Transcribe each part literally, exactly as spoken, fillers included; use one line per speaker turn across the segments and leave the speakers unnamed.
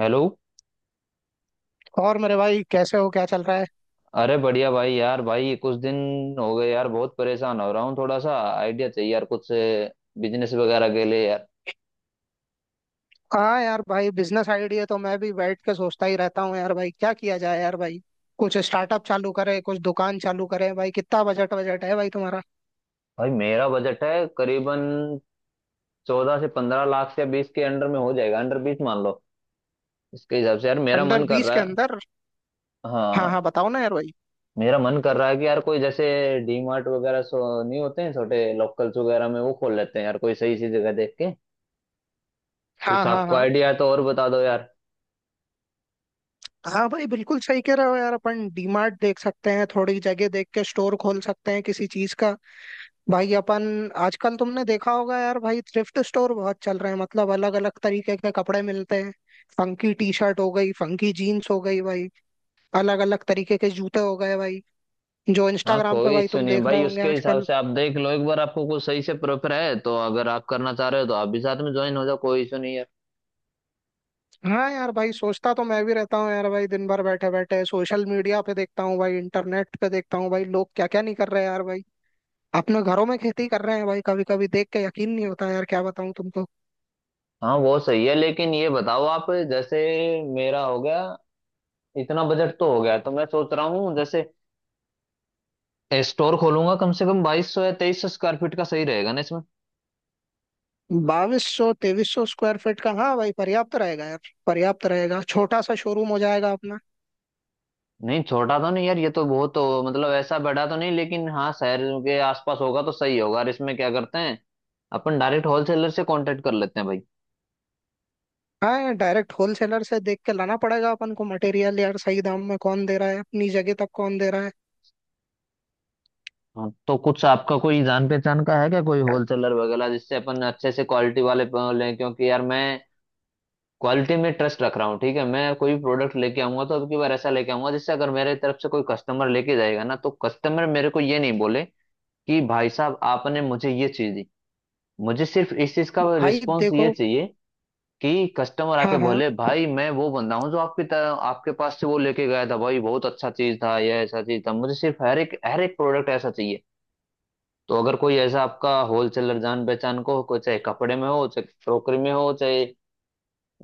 Hello.
और मेरे भाई कैसे हो? क्या चल रहा है?
अरे बढ़िया भाई। यार भाई ये कुछ दिन हो गए यार, बहुत परेशान हो रहा हूँ। थोड़ा सा आइडिया चाहिए यार, कुछ बिजनेस वगैरह के लिए यार।
हाँ यार भाई, बिजनेस आइडिया तो मैं भी बैठ के सोचता ही रहता हूँ यार भाई, क्या किया जाए यार भाई। कुछ स्टार्टअप चालू करें, कुछ दुकान चालू करें। भाई कितना बजट बजट है भाई तुम्हारा?
भाई मेरा बजट है करीबन चौदह से पंद्रह लाख से बीस के अंडर में हो जाएगा। अंडर बीस मान लो। इसके हिसाब से यार मेरा
अंडर
मन कर
बीस
रहा
के
है।
अंदर? हाँ
हाँ।
हाँ, बताओ ना यार भाई।
मेरा मन कर रहा है कि यार कोई जैसे डी मार्ट वगैरह सो नहीं होते हैं छोटे लोकल्स वगैरह में, वो खोल लेते हैं यार कोई सही सी जगह देख के।
हाँ
कुछ
हाँ
आपको
हाँ।
आइडिया है तो और बता दो यार।
हाँ भाई, बिल्कुल सही कह रहे हो यार। अपन डीमार्ट देख सकते हैं, थोड़ी जगह देख के स्टोर खोल सकते हैं किसी चीज का। भाई अपन, आजकल तुमने देखा होगा यार भाई, थ्रिफ्ट स्टोर बहुत चल रहे हैं। मतलब अलग अलग तरीके के कपड़े मिलते हैं, फंकी टी शर्ट हो गई, फंकी जीन्स हो गई भाई, अलग अलग तरीके के जूते हो गए भाई, जो
हाँ,
इंस्टाग्राम पे
कोई
भाई
इश्यू
तुम
नहीं
देख रहे
भाई।
होंगे
उसके हिसाब
आजकल।
से आप देख लो एक बार। आपको कुछ सही से प्रेफर है तो अगर आप करना चाह रहे हो तो आप भी साथ में ज्वाइन हो जाओ, कोई इश्यू नहीं है।
हाँ यार भाई, सोचता तो मैं भी रहता हूँ यार भाई। दिन भर बैठे बैठे सोशल मीडिया पे देखता हूँ भाई, इंटरनेट पे देखता हूँ भाई। लोग क्या क्या नहीं कर रहे हैं यार भाई, अपने घरों में खेती कर रहे हैं भाई। कभी कभी देख के यकीन नहीं होता यार, क्या बताऊँ तुमको।
हाँ वो सही है, लेकिन ये बताओ आप, जैसे मेरा हो गया, इतना बजट तो हो गया तो मैं सोच रहा हूँ जैसे स्टोर खोलूंगा कम से कम बाईस सौ या तेईस सौ स्क्वायर फीट का, सही रहेगा ना इसमें।
बाईस सौ तेईस सौ स्क्वायर फीट का? हाँ भाई, पर्याप्त रहेगा यार। पर्याप्त रहेगा, छोटा सा शोरूम हो जाएगा अपना।
नहीं, छोटा तो नहीं यार। ये तो बहुत तो, मतलब ऐसा बड़ा तो नहीं, लेकिन हाँ शहर के आसपास होगा तो सही होगा। और इसमें क्या करते हैं, अपन डायरेक्ट होलसेलर से कांटेक्ट कर लेते हैं भाई।
हाँ यार, डायरेक्ट होलसेलर से देख के लाना पड़ेगा अपन को मटेरियल यार। सही दाम में कौन दे रहा है, अपनी जगह तक कौन दे रहा है।
हाँ, तो कुछ आपका कोई जान पहचान का है क्या, कोई होलसेलर वगैरह, जिससे अपन अच्छे से क्वालिटी वाले प- लें, क्योंकि यार मैं क्वालिटी में ट्रस्ट रख रहा हूँ। ठीक है, मैं कोई भी प्रोडक्ट लेके आऊंगा तो अब की बार ऐसा लेके आऊंगा, जिससे अगर मेरे तरफ से कोई कस्टमर लेके जाएगा ना तो कस्टमर मेरे को ये नहीं बोले कि भाई साहब आपने मुझे ये चीज दी। मुझे सिर्फ इस चीज का
भाई
रिस्पॉन्स ये
देखो,
चाहिए कि कस्टमर आके
हाँ हाँ,
बोले भाई मैं वो बंदा हूँ जो आपकी तरह आपके पास से वो लेके गया था। भाई बहुत अच्छा चीज था, यह ऐसा चीज था। मुझे सिर्फ हर एक हर एक प्रोडक्ट ऐसा चाहिए। तो अगर कोई ऐसा आपका होलसेलर जान पहचान को हो, कोई चाहे कपड़े में हो, चाहे क्रोकरी में हो, चाहे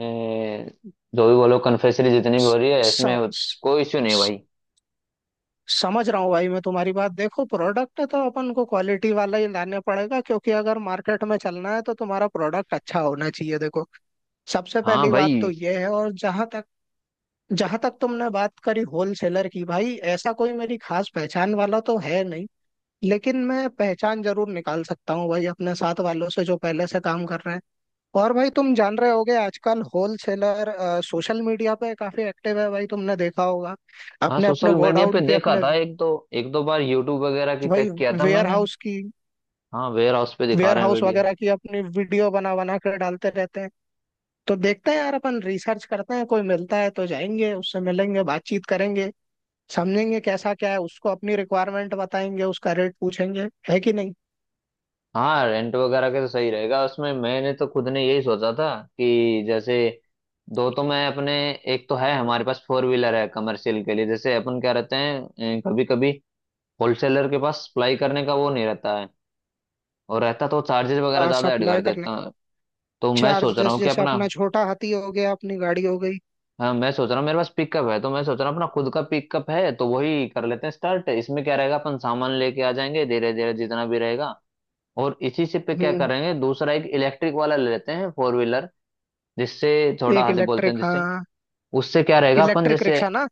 ए, जो भी बोलो, कन्फेक्शनरी, जितनी भी हो
स,
रही है
स,
इसमें,
स,
कोई इश्यू नहीं
स-
भाई।
समझ रहा हूँ भाई मैं तुम्हारी बात। देखो, प्रोडक्ट तो अपन को क्वालिटी वाला ही लाने पड़ेगा, क्योंकि अगर मार्केट में चलना है तो तुम्हारा प्रोडक्ट अच्छा होना चाहिए। देखो, सबसे
हाँ
पहली बात तो
भाई।
ये है। और जहां तक जहां तक तुमने बात करी होलसेलर की, भाई ऐसा कोई मेरी खास पहचान वाला तो है नहीं, लेकिन मैं पहचान जरूर निकाल सकता हूँ भाई अपने साथ वालों से जो पहले से काम कर रहे हैं। और भाई तुम जान रहे होगे, आजकल होलसेलर सोशल मीडिया पे काफी एक्टिव है भाई। तुमने देखा होगा,
हाँ,
अपने अपने
सोशल मीडिया
गोडाउन
पे
की,
देखा
अपने,
था एक दो एक दो बार। यूट्यूब वगैरह की
भाई
चेक किया था
वेयर
मैंने।
हाउस की,
हाँ, वेयर हाउस पे दिखा
वेयर
रहे हैं
हाउस
वीडियो।
वगैरह की अपनी वीडियो बना बना कर डालते रहते हैं। तो देखते हैं यार, अपन रिसर्च करते हैं, कोई मिलता है तो जाएंगे, उससे मिलेंगे, बातचीत करेंगे, समझेंगे कैसा क्या है, उसको अपनी रिक्वायरमेंट बताएंगे, उसका रेट पूछेंगे, है कि नहीं।
हाँ, रेंट वगैरह के तो सही रहेगा उसमें। मैंने तो खुद ने यही सोचा था कि जैसे दो तो मैं अपने एक तो है, हमारे पास फोर व्हीलर है कमर्शियल के लिए। जैसे अपन क्या रहते हैं कभी कभी होलसेलर के पास सप्लाई करने का वो नहीं रहता है, और रहता तो चार्जेस वगैरह
हाँ,
ज्यादा ऐड कर
सप्लाई करने
देता
के
है। तो मैं सोच रहा
चार्जेस,
हूँ कि
जैसे
अपना,
अपना छोटा हाथी हो गया, अपनी गाड़ी हो गई।
हाँ मैं सोच रहा हूँ मेरे पास पिकअप है, तो मैं सोच रहा हूँ अपना खुद का पिकअप है तो वही कर लेते हैं स्टार्ट। इसमें क्या रहेगा, अपन सामान लेके आ जाएंगे धीरे धीरे जितना भी रहेगा। और इसी से पे क्या
हम्म,
करेंगे, दूसरा एक इलेक्ट्रिक वाला ले लेते हैं फोर व्हीलर, जिससे छोटा
एक
हाथी बोलते
इलेक्ट्रिक
हैं, जिससे
हाँ।
उससे क्या रहेगा अपन
इलेक्ट्रिक
जैसे।
रिक्शा ना?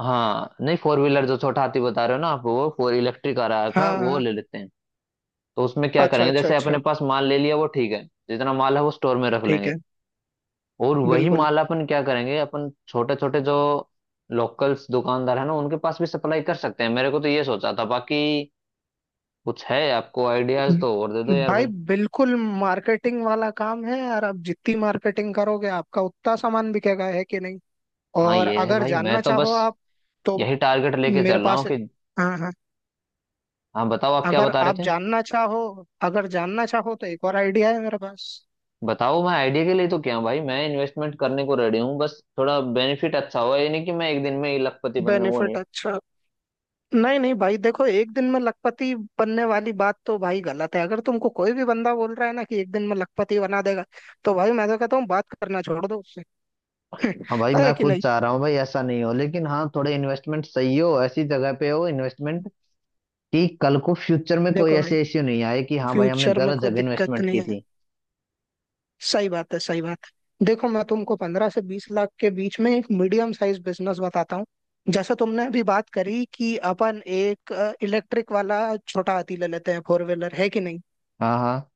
हाँ नहीं, फोर व्हीलर जो छोटा हाथी बता रहे हो ना आप, वो फोर इलेक्ट्रिक आ रहा था
हाँ
वो
हाँ।
ले लेते हैं। तो उसमें क्या
अच्छा
करेंगे,
अच्छा
जैसे
अच्छा।
अपने पास माल ले लिया वो ठीक है। जितना माल है वो स्टोर में रख
ठीक
लेंगे।
है।
और वही
बिल्कुल।
माल अपन क्या करेंगे, अपन छोटे छोटे जो लोकल्स दुकानदार है ना, उनके पास भी सप्लाई कर सकते हैं। मेरे को तो ये सोचा था, बाकी कुछ है आपको आइडियाज तो और दे दो यार
भाई
भाई।
बिल्कुल, मार्केटिंग वाला काम है यार। आप जितनी मार्केटिंग करोगे, आपका उतना सामान बिकेगा, है कि नहीं।
हाँ
और
ये है
अगर
भाई, मैं
जानना
तो
चाहो
बस
आप तो
यही टारगेट लेके
मेरे
चल रहा हूँ
पास,
कि,
हाँ हाँ,
हाँ बताओ आप क्या
अगर
बता रहे
आप
थे।
जानना चाहो, अगर जानना चाहो तो एक और आइडिया है मेरे पास।
बताओ। मैं आइडिया के लिए तो क्या, भाई मैं इन्वेस्टमेंट करने को रेडी हूँ, बस थोड़ा बेनिफिट अच्छा हो। ये नहीं कि मैं एक दिन में ही लखपति बन जाऊँ, वो
बेनिफिट
नहीं।
अच्छा, नहीं नहीं भाई, देखो, एक दिन में लखपति बनने वाली बात तो भाई गलत है। अगर तुमको कोई भी बंदा बोल रहा है ना कि एक दिन में लखपति बना देगा तो भाई मैं तो कहता हूँ बात करना छोड़ दो उससे।
हाँ भाई,
है
मैं
कि
खुद
नहीं।
चाह रहा हूँ भाई ऐसा नहीं हो, लेकिन हाँ थोड़े इन्वेस्टमेंट सही हो, ऐसी जगह पे हो इन्वेस्टमेंट कि कल को फ्यूचर में कोई
देखो भाई,
ऐसे इश्यू नहीं आए कि हाँ भाई हमने
फ्यूचर में
गलत
कोई
जगह
दिक्कत
इन्वेस्टमेंट
नहीं
की
है,
थी।
सही बात है, सही बात है। देखो, मैं तुमको पंद्रह से बीस लाख के बीच में एक मीडियम साइज बिजनेस बताता हूँ। जैसे तुमने अभी बात करी कि अपन एक इलेक्ट्रिक वाला छोटा हाथी ले लेते हैं फोर व्हीलर, है कि नहीं।
हाँ हाँ।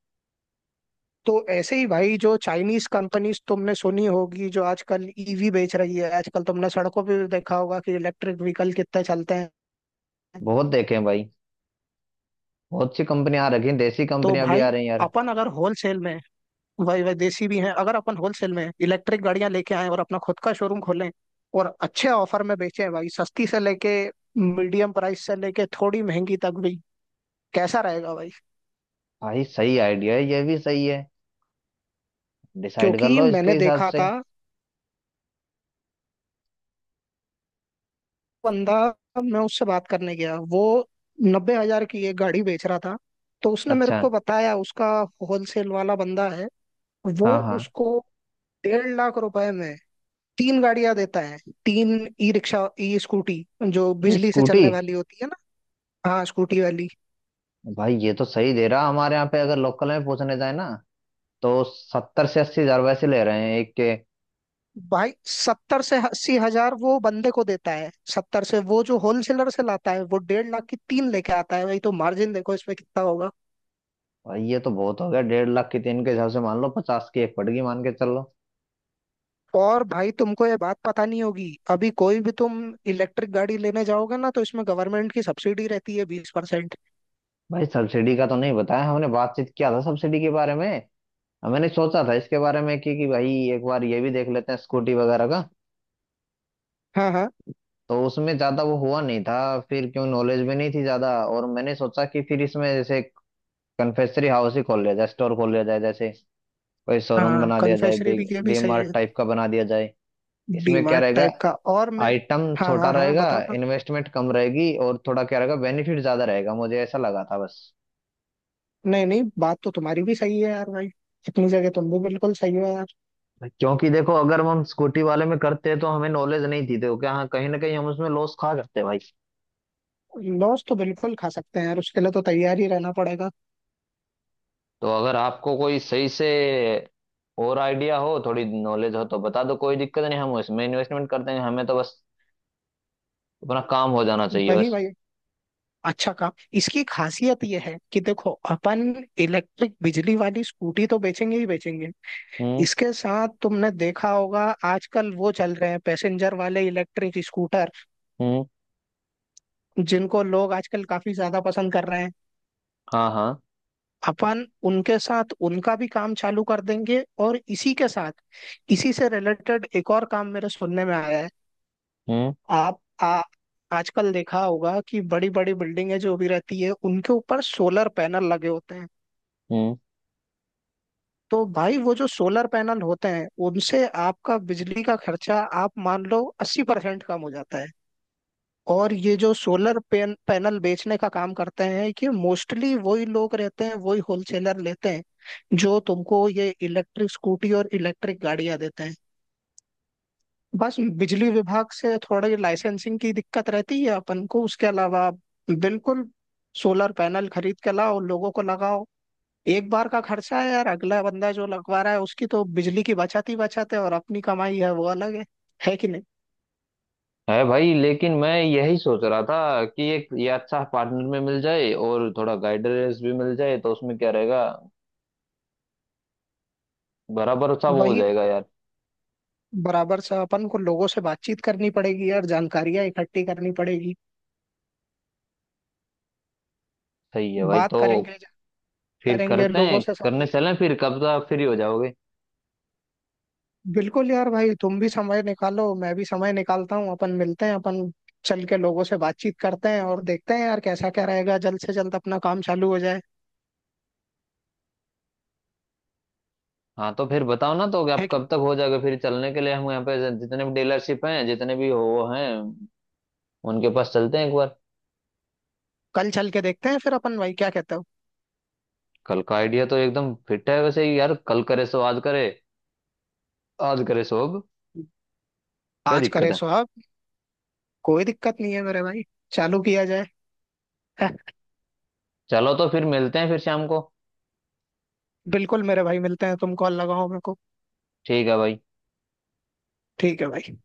तो ऐसे ही भाई, जो चाइनीज कंपनीज तुमने सुनी होगी जो आजकल ईवी बेच रही है, आजकल तुमने सड़कों पे भी देखा होगा कि इलेक्ट्रिक व्हीकल कितने चलते हैं।
बहुत देखे हैं भाई। बहुत सी कंपनियां आ रखी हैं, देसी
तो
कंपनियां भी
भाई
आ रही हैं यार।
अपन अगर होलसेल में, वही वही देसी भी हैं, अगर अपन होलसेल में इलेक्ट्रिक गाड़ियां लेके आए और अपना खुद का शोरूम खोलें और अच्छे ऑफर में बेचें भाई, सस्ती से लेके मीडियम प्राइस से लेके थोड़ी महंगी तक भी, कैसा रहेगा भाई?
भाई सही आइडिया है, ये भी सही है। डिसाइड कर
क्योंकि
लो
मैंने
इसके हिसाब
देखा
से।
था, बंदा, मैं उससे बात करने गया, वो नब्बे हजार की एक गाड़ी बेच रहा था। तो उसने मेरे
अच्छा।
को बताया, उसका होलसेल वाला बंदा है वो,
हाँ हाँ।
उसको डेढ़ लाख रुपए में तीन गाड़ियां देता है। तीन, ई रिक्शा, ई स्कूटी, जो
ये
बिजली से
स्कूटी।
चलने वाली होती है ना। हाँ, स्कूटी वाली।
भाई ये तो सही दे रहा। हमारे यहाँ पे अगर लोकल में पूछने जाए ना तो सत्तर से अस्सी हजार वैसे ले रहे हैं एक के।
भाई सत्तर से अस्सी हजार वो बंदे को देता है, सत्तर से। वो जो होलसेलर से लाता है, वो डेढ़ लाख की तीन लेके आता है भाई। तो मार्जिन देखो इसमें कितना होगा।
भाई ये तो बहुत हो गया। डेढ़ लाख की तीन के हिसाब से मान लो पचास की एक पड़गी, मान के चल लो।
और भाई तुमको ये बात पता नहीं होगी, अभी कोई भी तुम इलेक्ट्रिक गाड़ी लेने जाओगे ना तो इसमें गवर्नमेंट की सब्सिडी रहती है बीस परसेंट।
भाई सब्सिडी का तो नहीं बताया। हमने बातचीत किया था सब्सिडी के बारे में। मैंने सोचा था इसके बारे में कि कि भाई एक बार ये भी देख लेते हैं स्कूटी वगैरह का।
हाँ हाँ
तो उसमें ज्यादा वो हुआ नहीं था। फिर क्यों नॉलेज भी नहीं थी ज्यादा। और मैंने सोचा कि फिर इसमें जैसे कन्फेक्शनरी हाउस ही खोल लिया जाए, स्टोर खोल लिया जाए, जैसे कोई शोरूम
हाँ,
बना दिया जाए,
कन्फेक्शनरी
बिग
भी, ये भी
डी
सही
मार्ट
है।
टाइप का बना दिया जाए। इसमें क्या
डीमार्ट
रहेगा,
टाइप का, और मैं,
आइटम
हाँ
छोटा
हाँ हाँ,
रहेगा,
बताओ ना।
इन्वेस्टमेंट कम रहेगी, और थोड़ा क्या रहेगा बेनिफिट ज्यादा रहेगा, मुझे ऐसा लगा था बस।
नहीं नहीं, बात तो तुम्हारी भी सही है यार भाई, इतनी जगह तुम भी बिल्कुल सही हो यार।
क्योंकि देखो अगर हम स्कूटी वाले में करते हैं तो हमें नॉलेज नहीं थी, देखो क्या, हाँ, कहीं ना कहीं हम उसमें लॉस खा सकते हैं भाई।
लॉस तो बिल्कुल खा सकते हैं यार, उसके लिए तो तैयार ही रहना पड़ेगा।
तो अगर आपको कोई सही से और आइडिया हो, थोड़ी नॉलेज हो, तो बता दो, कोई दिक्कत नहीं हम उसमें इन्वेस्टमेंट कर देंगे। हमें तो बस अपना काम हो जाना चाहिए
वही
बस।
भाई, अच्छा काम, इसकी खासियत यह है कि देखो अपन इलेक्ट्रिक बिजली वाली स्कूटी तो बेचेंगे ही बेचेंगे।
हम्म।
इसके साथ तुमने देखा होगा आजकल वो चल रहे हैं पैसेंजर वाले इलेक्ट्रिक स्कूटर,
हम्म।
जिनको लोग आजकल काफी ज्यादा पसंद कर रहे हैं।
हाँ हाँ।
अपन उनके साथ उनका भी काम चालू कर देंगे, और इसी के साथ इसी से रिलेटेड एक और काम मेरे सुनने में आया है।
हम्म।
आप आ, आजकल देखा होगा कि बड़ी बड़ी बिल्डिंगें जो भी रहती है उनके ऊपर सोलर पैनल लगे होते हैं।
हम्म।
तो भाई वो जो सोलर पैनल होते हैं उनसे आपका बिजली का खर्चा, आप मान लो, अस्सी परसेंट कम हो जाता है। और ये जो सोलर पैन, पैनल बेचने का काम करते हैं, कि मोस्टली वही लोग रहते हैं, वही होलसेलर लेते हैं जो तुमको ये इलेक्ट्रिक स्कूटी और इलेक्ट्रिक गाड़ियां देते हैं। बस बिजली विभाग से थोड़ी लाइसेंसिंग की दिक्कत रहती है अपन को, उसके अलावा बिल्कुल, सोलर पैनल खरीद के लाओ, लोगों को लगाओ। एक बार का खर्चा है यार, अगला बंदा जो लगवा रहा है उसकी तो बिजली की बचत ही बचत है, और अपनी कमाई है वो अलग है है कि नहीं।
है भाई, लेकिन मैं यही सोच रहा था कि एक ये अच्छा पार्टनर में मिल जाए और थोड़ा गाइडेंस भी मिल जाए तो उसमें क्या रहेगा, बराबर सा वो हो
वही,
जाएगा यार।
बराबर से अपन को लोगों से बातचीत करनी पड़ेगी यार, जानकारियां इकट्ठी करनी पड़ेगी।
सही है भाई।
बात
तो
करेंगे,
फिर
करेंगे
करते
लोगों
हैं,
से,
करने
समझे?
चलें फिर कब तक फ्री हो जाओगे।
बिल्कुल यार भाई, तुम भी समय निकालो, मैं भी समय निकालता हूँ। अपन मिलते हैं, अपन चल के लोगों से बातचीत करते हैं, और देखते हैं यार कैसा क्या रहेगा, जल्द से जल्द अपना काम चालू हो जाए।
हाँ तो फिर बताओ ना तो कि
है
आप
कि
कब तक हो जाओगे फिर चलने के लिए। हम यहाँ पे जितने भी डीलरशिप हैं जितने भी वो हैं, उनके पास चलते हैं एक बार।
कल चल के देखते हैं फिर अपन भाई, क्या कहते हो?
कल का आइडिया तो एकदम फिट है, वैसे ही यार कल करे सो आज करे, आज करे सो अब, क्या
आज
दिक्कत
करे
है।
सो आप, कोई दिक्कत नहीं है मेरे भाई, चालू किया जाए। है,
चलो तो फिर मिलते हैं फिर शाम को।
बिल्कुल मेरे भाई, मिलते हैं। तुम कॉल लगाओ मेरे को।
ठीक है भाई।
ठीक है भाई।